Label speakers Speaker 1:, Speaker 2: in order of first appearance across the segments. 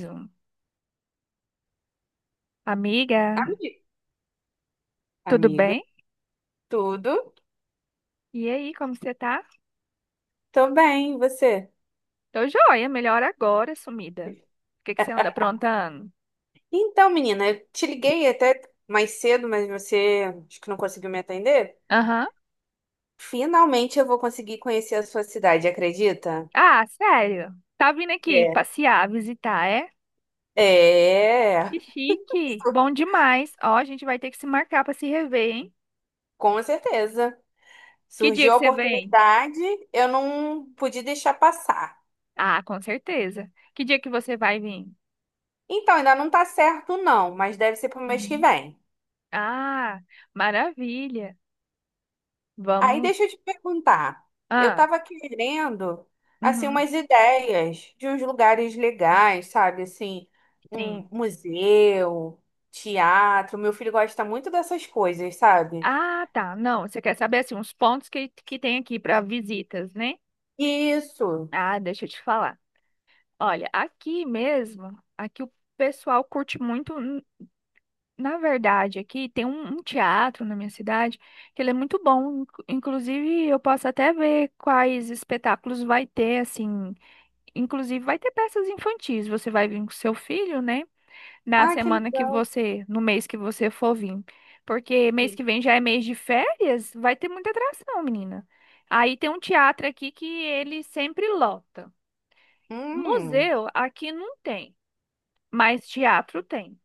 Speaker 1: Zoom. Amiga,
Speaker 2: Ami-
Speaker 1: tudo
Speaker 2: Amiga,
Speaker 1: bem?
Speaker 2: tudo?
Speaker 1: E aí, como você tá?
Speaker 2: Tô bem, e você?
Speaker 1: Tô joia, melhor agora, sumida. O que que você anda aprontando?
Speaker 2: Então, menina, eu te liguei até mais cedo, mas você acho que não conseguiu me atender.
Speaker 1: Aham.
Speaker 2: Finalmente eu vou conseguir conhecer a sua cidade, acredita?
Speaker 1: Ah, sério? Tá vindo aqui
Speaker 2: É.
Speaker 1: passear, visitar, é?
Speaker 2: É,
Speaker 1: Que chique. Bom demais. Ó, a gente vai ter que se marcar pra se rever, hein?
Speaker 2: com certeza.
Speaker 1: Que dia
Speaker 2: Surgiu
Speaker 1: que
Speaker 2: a
Speaker 1: você vem?
Speaker 2: oportunidade, eu não pude deixar passar.
Speaker 1: Ah, com certeza. Que dia que você vai vir?
Speaker 2: Então, ainda não tá certo, não, mas deve ser pro mês que
Speaker 1: Uhum.
Speaker 2: vem.
Speaker 1: Ah, maravilha.
Speaker 2: Aí
Speaker 1: Vamos.
Speaker 2: deixa eu te perguntar. Eu
Speaker 1: Ah,
Speaker 2: estava querendo, assim,
Speaker 1: uhum.
Speaker 2: umas ideias de uns lugares legais, sabe? Assim, um
Speaker 1: Sim.
Speaker 2: museu, teatro. Meu filho gosta muito dessas coisas, sabe?
Speaker 1: Ah, tá. Não, você quer saber assim, uns pontos que tem aqui para visitas, né?
Speaker 2: Isso.
Speaker 1: Ah, deixa eu te falar. Olha, aqui mesmo, aqui o pessoal curte muito. Na verdade, aqui tem um teatro na minha cidade que ele é muito bom. Inclusive, eu posso até ver quais espetáculos vai ter, assim. Inclusive, vai ter peças infantis. Você vai vir com seu filho, né? na
Speaker 2: Ah, que
Speaker 1: semana que
Speaker 2: legal.
Speaker 1: você, no mês que você for vir. Porque mês que
Speaker 2: Sim.
Speaker 1: vem já é mês de férias, vai ter muita atração, menina. Aí tem um teatro aqui que ele sempre lota.
Speaker 2: Hum.
Speaker 1: Museu aqui não tem, mas teatro tem.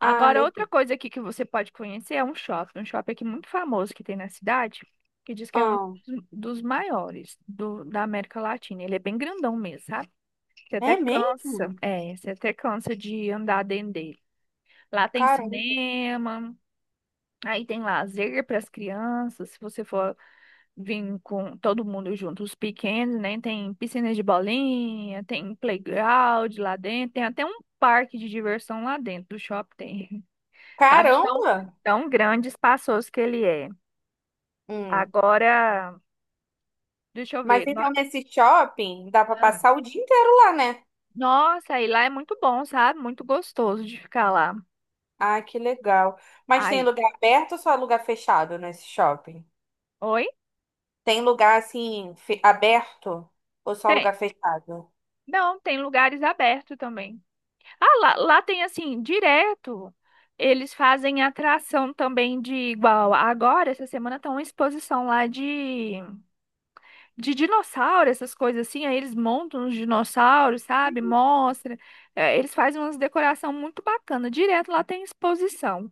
Speaker 2: Ah,
Speaker 1: Agora, outra
Speaker 2: legal.
Speaker 1: coisa aqui que você pode conhecer é um shopping aqui muito famoso que tem na cidade, que diz que é um
Speaker 2: Ah,
Speaker 1: dos maiores do, da América Latina. Ele é bem grandão mesmo, sabe? Você até
Speaker 2: é
Speaker 1: cansa,
Speaker 2: mesmo?
Speaker 1: é, você até cansa de andar dentro dele. Lá tem
Speaker 2: Caramba.
Speaker 1: cinema, aí tem lazer para as crianças, se você for vir com todo mundo junto, os pequenos, né? Tem piscina de bolinha, tem playground lá dentro, tem até um parque de diversão lá dentro do shopping, tem, sabe? De tão,
Speaker 2: Caramba!
Speaker 1: tão grande, e espaçoso que ele é.
Speaker 2: Hum.
Speaker 1: Agora, deixa eu
Speaker 2: Mas
Speaker 1: ver.
Speaker 2: então nesse shopping dá para
Speaker 1: Ah,
Speaker 2: passar o dia inteiro lá, né?
Speaker 1: Nossa, aí lá é muito bom, sabe? Muito gostoso de ficar lá.
Speaker 2: Ah, que legal. Mas tem
Speaker 1: Aí,
Speaker 2: lugar aberto ou só lugar fechado nesse shopping?
Speaker 1: oi?
Speaker 2: Tem lugar assim fe- aberto ou só
Speaker 1: Tem.
Speaker 2: lugar fechado?
Speaker 1: Não, tem lugares abertos também. Ah, lá, lá tem assim, direto. Eles fazem atração também de igual. Agora, essa semana, tá uma exposição lá de dinossauro, essas coisas assim. Aí eles montam os dinossauros, sabe? Mostra. É, eles fazem umas decoração muito bacana. Direto lá tem exposição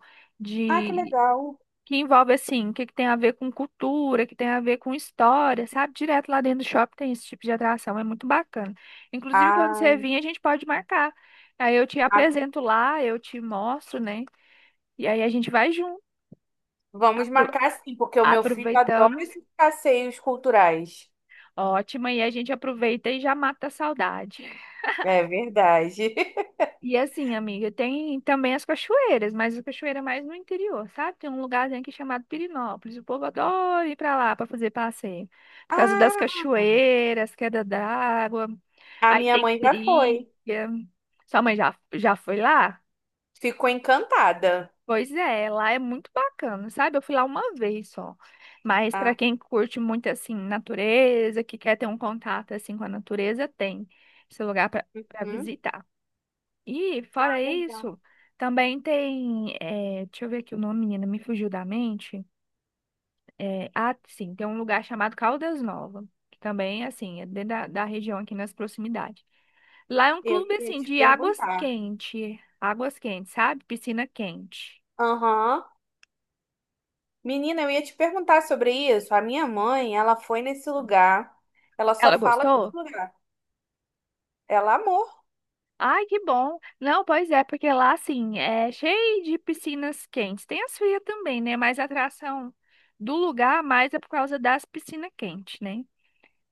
Speaker 2: Ah, que legal.
Speaker 1: que envolve assim, o que, que tem a ver com cultura, que tem a ver com história, sabe? Direto lá dentro do shopping tem esse tipo de atração, é muito bacana. Inclusive, quando você
Speaker 2: Ah,
Speaker 1: vir, a gente pode marcar. Aí eu te
Speaker 2: ah,
Speaker 1: apresento lá, eu te mostro, né? E aí a gente vai junto.
Speaker 2: vamos
Speaker 1: Apro-
Speaker 2: marcar sim, porque o meu filho adora
Speaker 1: Aproveitamos.
Speaker 2: esses passeios culturais.
Speaker 1: Ótimo, e a gente aproveita e já mata a saudade.
Speaker 2: É verdade.
Speaker 1: E assim, amiga, tem também as cachoeiras, mas a cachoeira é mais no interior, sabe? Tem um lugarzinho aqui chamado Pirinópolis. O povo adora ir pra lá pra fazer passeio. Por causa das
Speaker 2: Ah,
Speaker 1: cachoeiras, queda d'água,
Speaker 2: a
Speaker 1: aí
Speaker 2: minha
Speaker 1: tem
Speaker 2: mãe já foi.
Speaker 1: trilha. Sua mãe já foi lá?
Speaker 2: Ficou encantada.
Speaker 1: Pois é, lá é muito bacana, sabe? Eu fui lá uma vez só. Mas para
Speaker 2: Ah,
Speaker 1: quem curte muito assim natureza, que quer ter um contato assim com a natureza, tem esse lugar para pra
Speaker 2: uhum.
Speaker 1: visitar. E,
Speaker 2: Ah,
Speaker 1: fora
Speaker 2: legal.
Speaker 1: isso, também tem. Deixa eu ver aqui o nome, menina, me fugiu da mente. Ah, sim, tem um lugar chamado Caldas Nova, que também, assim, é dentro da, da região aqui nas proximidades. Lá é um
Speaker 2: Eu
Speaker 1: clube,
Speaker 2: ia
Speaker 1: assim,
Speaker 2: te
Speaker 1: de águas
Speaker 2: perguntar.
Speaker 1: quentes. Águas quentes, sabe? Piscina quente.
Speaker 2: Aham. Menina, eu ia te perguntar sobre isso. A minha mãe, ela foi nesse lugar. Ela só
Speaker 1: Ela
Speaker 2: fala desse
Speaker 1: gostou?
Speaker 2: lugar. Ela amou.
Speaker 1: Ai, que bom. Não, pois é, porque lá, assim, é cheio de piscinas quentes. Tem as frias também, né? Mas a atração do lugar mais é por causa das piscinas quentes, né?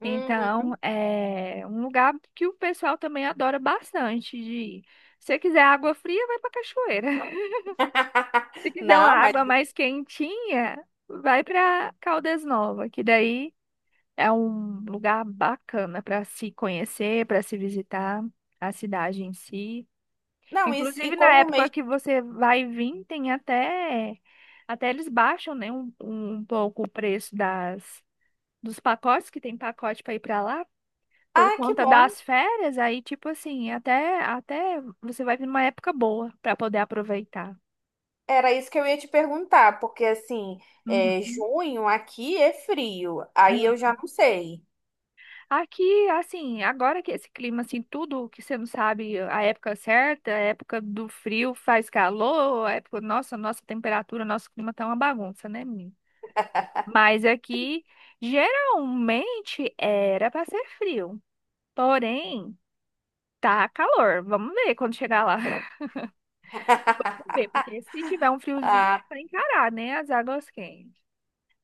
Speaker 2: Uhum.
Speaker 1: Então, é um lugar que o pessoal também adora bastante de ir. Se você quiser água fria, vai para cachoeira. Se quiser uma
Speaker 2: Não, mas.
Speaker 1: água mais quentinha, vai para Caldas Nova, que daí é um lugar bacana para se conhecer, para se visitar a cidade em si.
Speaker 2: Não, e
Speaker 1: Inclusive, na
Speaker 2: como
Speaker 1: época
Speaker 2: mês.
Speaker 1: que você vai vir, tem até eles baixam, né, um pouco o preço das dos pacotes, que tem pacote para ir para lá por
Speaker 2: Ah, que
Speaker 1: conta
Speaker 2: bom.
Speaker 1: das férias, aí tipo assim, até você vai vir numa época boa para poder aproveitar.
Speaker 2: Era isso que eu ia te perguntar, porque assim, é,
Speaker 1: Uhum.
Speaker 2: junho aqui é frio. Aí
Speaker 1: É.
Speaker 2: eu já não sei.
Speaker 1: Aqui, assim, agora que esse clima, assim, tudo que você não sabe a época certa, a época do frio faz calor, a época, nossa, nossa temperatura, nosso clima tá uma bagunça, né, menina? Mas aqui, geralmente, era para ser frio, porém, tá calor, vamos ver quando chegar lá. Vamos ver, porque se tiver um friozinho, é
Speaker 2: Ah,
Speaker 1: para encarar, né? As águas quentes.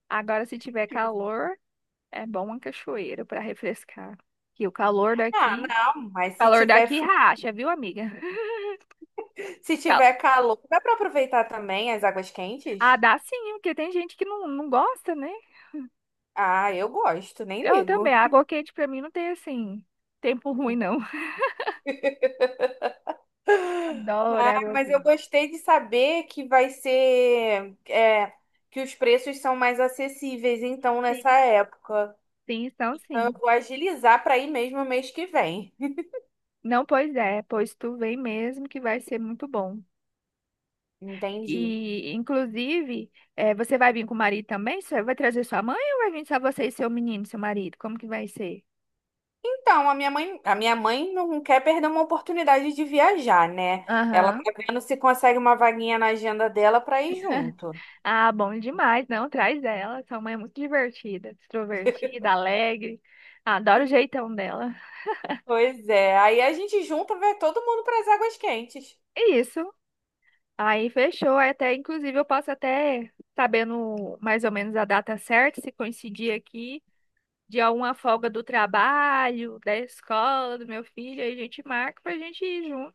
Speaker 1: Agora, se tiver calor, é bom uma cachoeira para refrescar. Que o
Speaker 2: ah, não, mas
Speaker 1: calor daqui racha, viu, amiga?
Speaker 2: se
Speaker 1: Cal-
Speaker 2: tiver calor, dá para aproveitar também as águas
Speaker 1: Ah,
Speaker 2: quentes?
Speaker 1: dá sim, porque tem gente que não, não gosta, né?
Speaker 2: Ah, eu gosto, nem
Speaker 1: Eu também.
Speaker 2: ligo.
Speaker 1: Água quente para mim não tem assim, tempo ruim, não. Adoro
Speaker 2: Ah,
Speaker 1: água
Speaker 2: mas eu
Speaker 1: quente.
Speaker 2: gostei de saber que vai ser, é, que os preços são mais acessíveis, então,
Speaker 1: Sim,
Speaker 2: nessa época.
Speaker 1: sim, então
Speaker 2: Então, eu
Speaker 1: sim.
Speaker 2: vou agilizar para ir mesmo mês que vem.
Speaker 1: Não, pois é, pois tu vem mesmo que vai ser muito bom.
Speaker 2: Entendi.
Speaker 1: E, inclusive, você vai vir com o marido também? Você vai trazer sua mãe ou vai vir só você e seu menino, seu marido? Como que vai ser?
Speaker 2: Então, a minha mãe não quer perder uma oportunidade de viajar, né? Ela
Speaker 1: Aham.
Speaker 2: tá vendo se consegue uma vaguinha na agenda dela para ir junto.
Speaker 1: Ah, bom demais. Não, traz ela. Sua mãe é muito divertida, extrovertida, alegre. Adoro o jeitão dela.
Speaker 2: Pois é, aí a gente junta, vai todo mundo para as águas quentes.
Speaker 1: Isso. Aí fechou. Aí até, inclusive, eu posso até, sabendo mais ou menos a data certa, se coincidir aqui, de alguma folga do trabalho, da escola, do meu filho, aí a gente marca pra gente ir junto.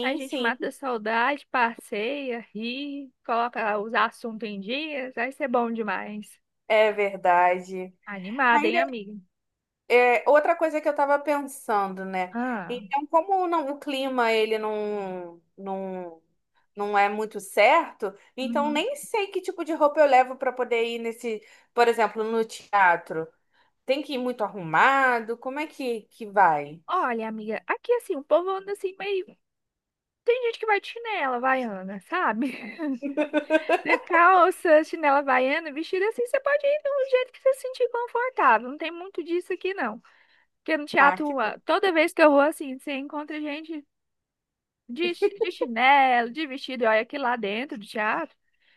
Speaker 1: A gente
Speaker 2: sim,
Speaker 1: mata a saudade, passeia, ri, coloca os assuntos em dias, vai ser bom demais.
Speaker 2: é verdade.
Speaker 1: Animada,
Speaker 2: Mas
Speaker 1: hein, amiga?
Speaker 2: é, outra coisa que eu estava pensando, né?
Speaker 1: Ah,
Speaker 2: Então, como não- o clima ele não é muito certo, então
Speaker 1: uhum.
Speaker 2: nem sei que tipo de roupa eu levo para poder ir nesse, por exemplo, no teatro. Tem que ir muito arrumado? Como é que vai?
Speaker 1: Olha, amiga, aqui assim, o povo anda assim meio. Tem gente que vai de chinela havaiana, sabe? De calça, chinela havaiana, vestido assim, você pode ir do jeito que você se sentir confortável. Não tem muito disso aqui, não. Porque no
Speaker 2: Ah, que
Speaker 1: teatro,
Speaker 2: bom.
Speaker 1: ah, toda vez que eu vou assim, você encontra gente de, de chinelo, de vestido, e olha que lá dentro do teatro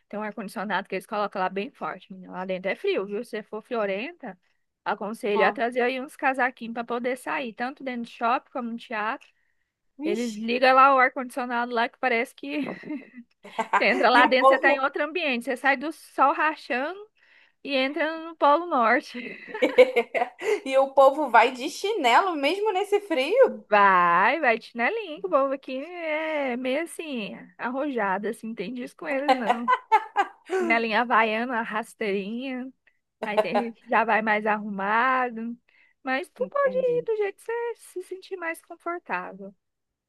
Speaker 1: tem um ar-condicionado que eles colocam lá bem forte, menina. Lá dentro é frio, viu? Se você for friorenta,
Speaker 2: Ó,
Speaker 1: aconselho a trazer aí uns casaquinhos para poder sair, tanto dentro do shopping como no teatro. Eles
Speaker 2: vixe.
Speaker 1: ligam lá o ar-condicionado lá que parece que você entra
Speaker 2: E
Speaker 1: lá
Speaker 2: o
Speaker 1: dentro, você
Speaker 2: povo
Speaker 1: tá em outro ambiente, você sai do sol rachando e entra no Polo Norte.
Speaker 2: e o povo vai de chinelo mesmo nesse frio?
Speaker 1: Vai, vai de chinelinho, que o povo aqui é meio assim, arrojado, assim, não tem disso com eles, não. Chinelinha havaiana, rasteirinha. Aí tem gente que já vai mais arrumado. Mas tu pode ir
Speaker 2: Entendi.
Speaker 1: do jeito que você se sentir mais confortável.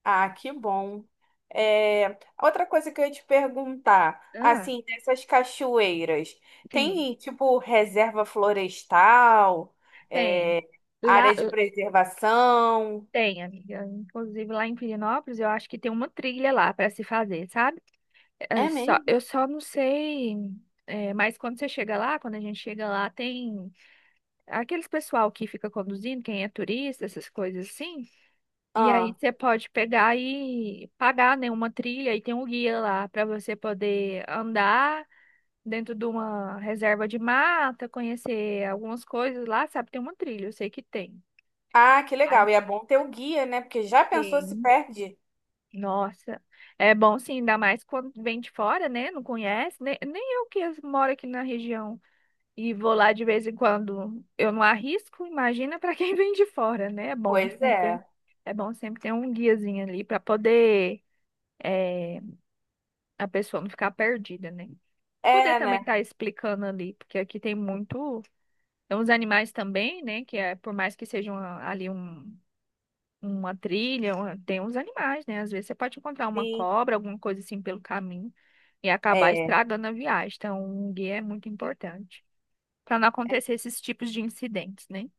Speaker 2: Ah, que bom. É, outra coisa que eu ia te perguntar,
Speaker 1: Ah,
Speaker 2: assim, dessas cachoeiras,
Speaker 1: tem,
Speaker 2: tem tipo reserva florestal,
Speaker 1: tem.
Speaker 2: é,
Speaker 1: Lá,
Speaker 2: área de preservação?
Speaker 1: tem, amiga. Inclusive lá em Pirinópolis, eu acho que tem uma trilha lá para se fazer, sabe? É
Speaker 2: É
Speaker 1: só,
Speaker 2: mesmo?
Speaker 1: eu só não sei. Mas quando você chega lá, quando a gente chega lá, tem aqueles pessoal que fica conduzindo, quem é turista, essas coisas assim. E aí
Speaker 2: Ah,
Speaker 1: você pode pegar e pagar, né, uma trilha e tem um guia lá para você poder andar dentro de uma reserva de mata, conhecer algumas coisas lá, sabe? Tem uma trilha, eu sei que tem.
Speaker 2: ah, que legal.
Speaker 1: Ai,
Speaker 2: E é bom ter o guia, né? Porque já pensou se
Speaker 1: tem.
Speaker 2: perde?
Speaker 1: Nossa, é bom sim, ainda mais quando vem de fora, né? Não conhece, nem eu que moro aqui na região e vou lá de vez em quando, eu não arrisco, imagina para quem vem de fora, né? É bom
Speaker 2: Pois
Speaker 1: sempre ter,
Speaker 2: é.
Speaker 1: é bom sempre ter um guiazinho ali para poder é, a pessoa não ficar perdida, né? Poder
Speaker 2: É,
Speaker 1: também
Speaker 2: né?
Speaker 1: estar explicando ali, porque aqui tem muito, tem uns animais também, né? Que é, por mais que seja uma trilha, tem uns animais, né? Às vezes você pode encontrar uma
Speaker 2: Sim.
Speaker 1: cobra, alguma coisa assim pelo caminho e acabar
Speaker 2: É.
Speaker 1: estragando a viagem. Então, um guia é muito importante para não acontecer esses tipos de incidentes, né?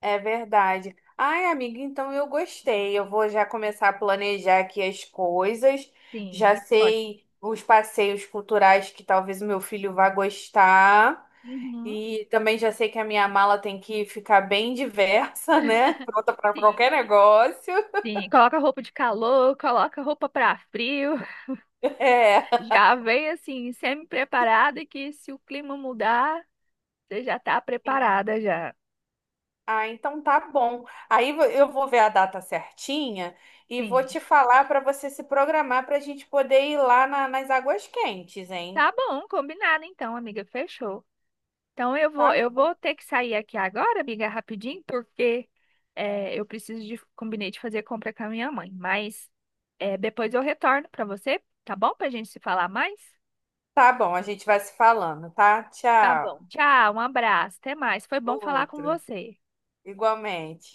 Speaker 2: É verdade. Ai, amiga, então eu gostei. Eu vou já começar a planejar aqui as coisas. Já
Speaker 1: Sim, pode.
Speaker 2: sei os passeios culturais que talvez o meu filho vá gostar.
Speaker 1: Uhum.
Speaker 2: E também já sei que a minha mala tem que ficar bem diversa, né? Pronta para
Speaker 1: Sim,
Speaker 2: qualquer negócio.
Speaker 1: sim. Coloca roupa de calor, coloca roupa para frio.
Speaker 2: É.
Speaker 1: Já vem assim, semi-preparada e que se o clima mudar, você já tá preparada já.
Speaker 2: Ah, então tá bom. Eu vou ver a data certinha e vou
Speaker 1: Sim.
Speaker 2: te falar para você se programar para a gente poder ir lá nas águas quentes, hein?
Speaker 1: Tá bom, combinado então, amiga, fechou. Então eu
Speaker 2: Tá.
Speaker 1: vou, eu vou ter que sair aqui agora, amiga, rapidinho, porque combinei de fazer compra com a minha mãe. Mas depois eu retorno pra você, tá bom? Pra gente se falar mais?
Speaker 2: Tá bom, a gente vai se falando, tá?
Speaker 1: Tá
Speaker 2: Tchau.
Speaker 1: bom. Tchau, um abraço, até mais. Foi bom falar com
Speaker 2: Outro.
Speaker 1: você.
Speaker 2: Igualmente.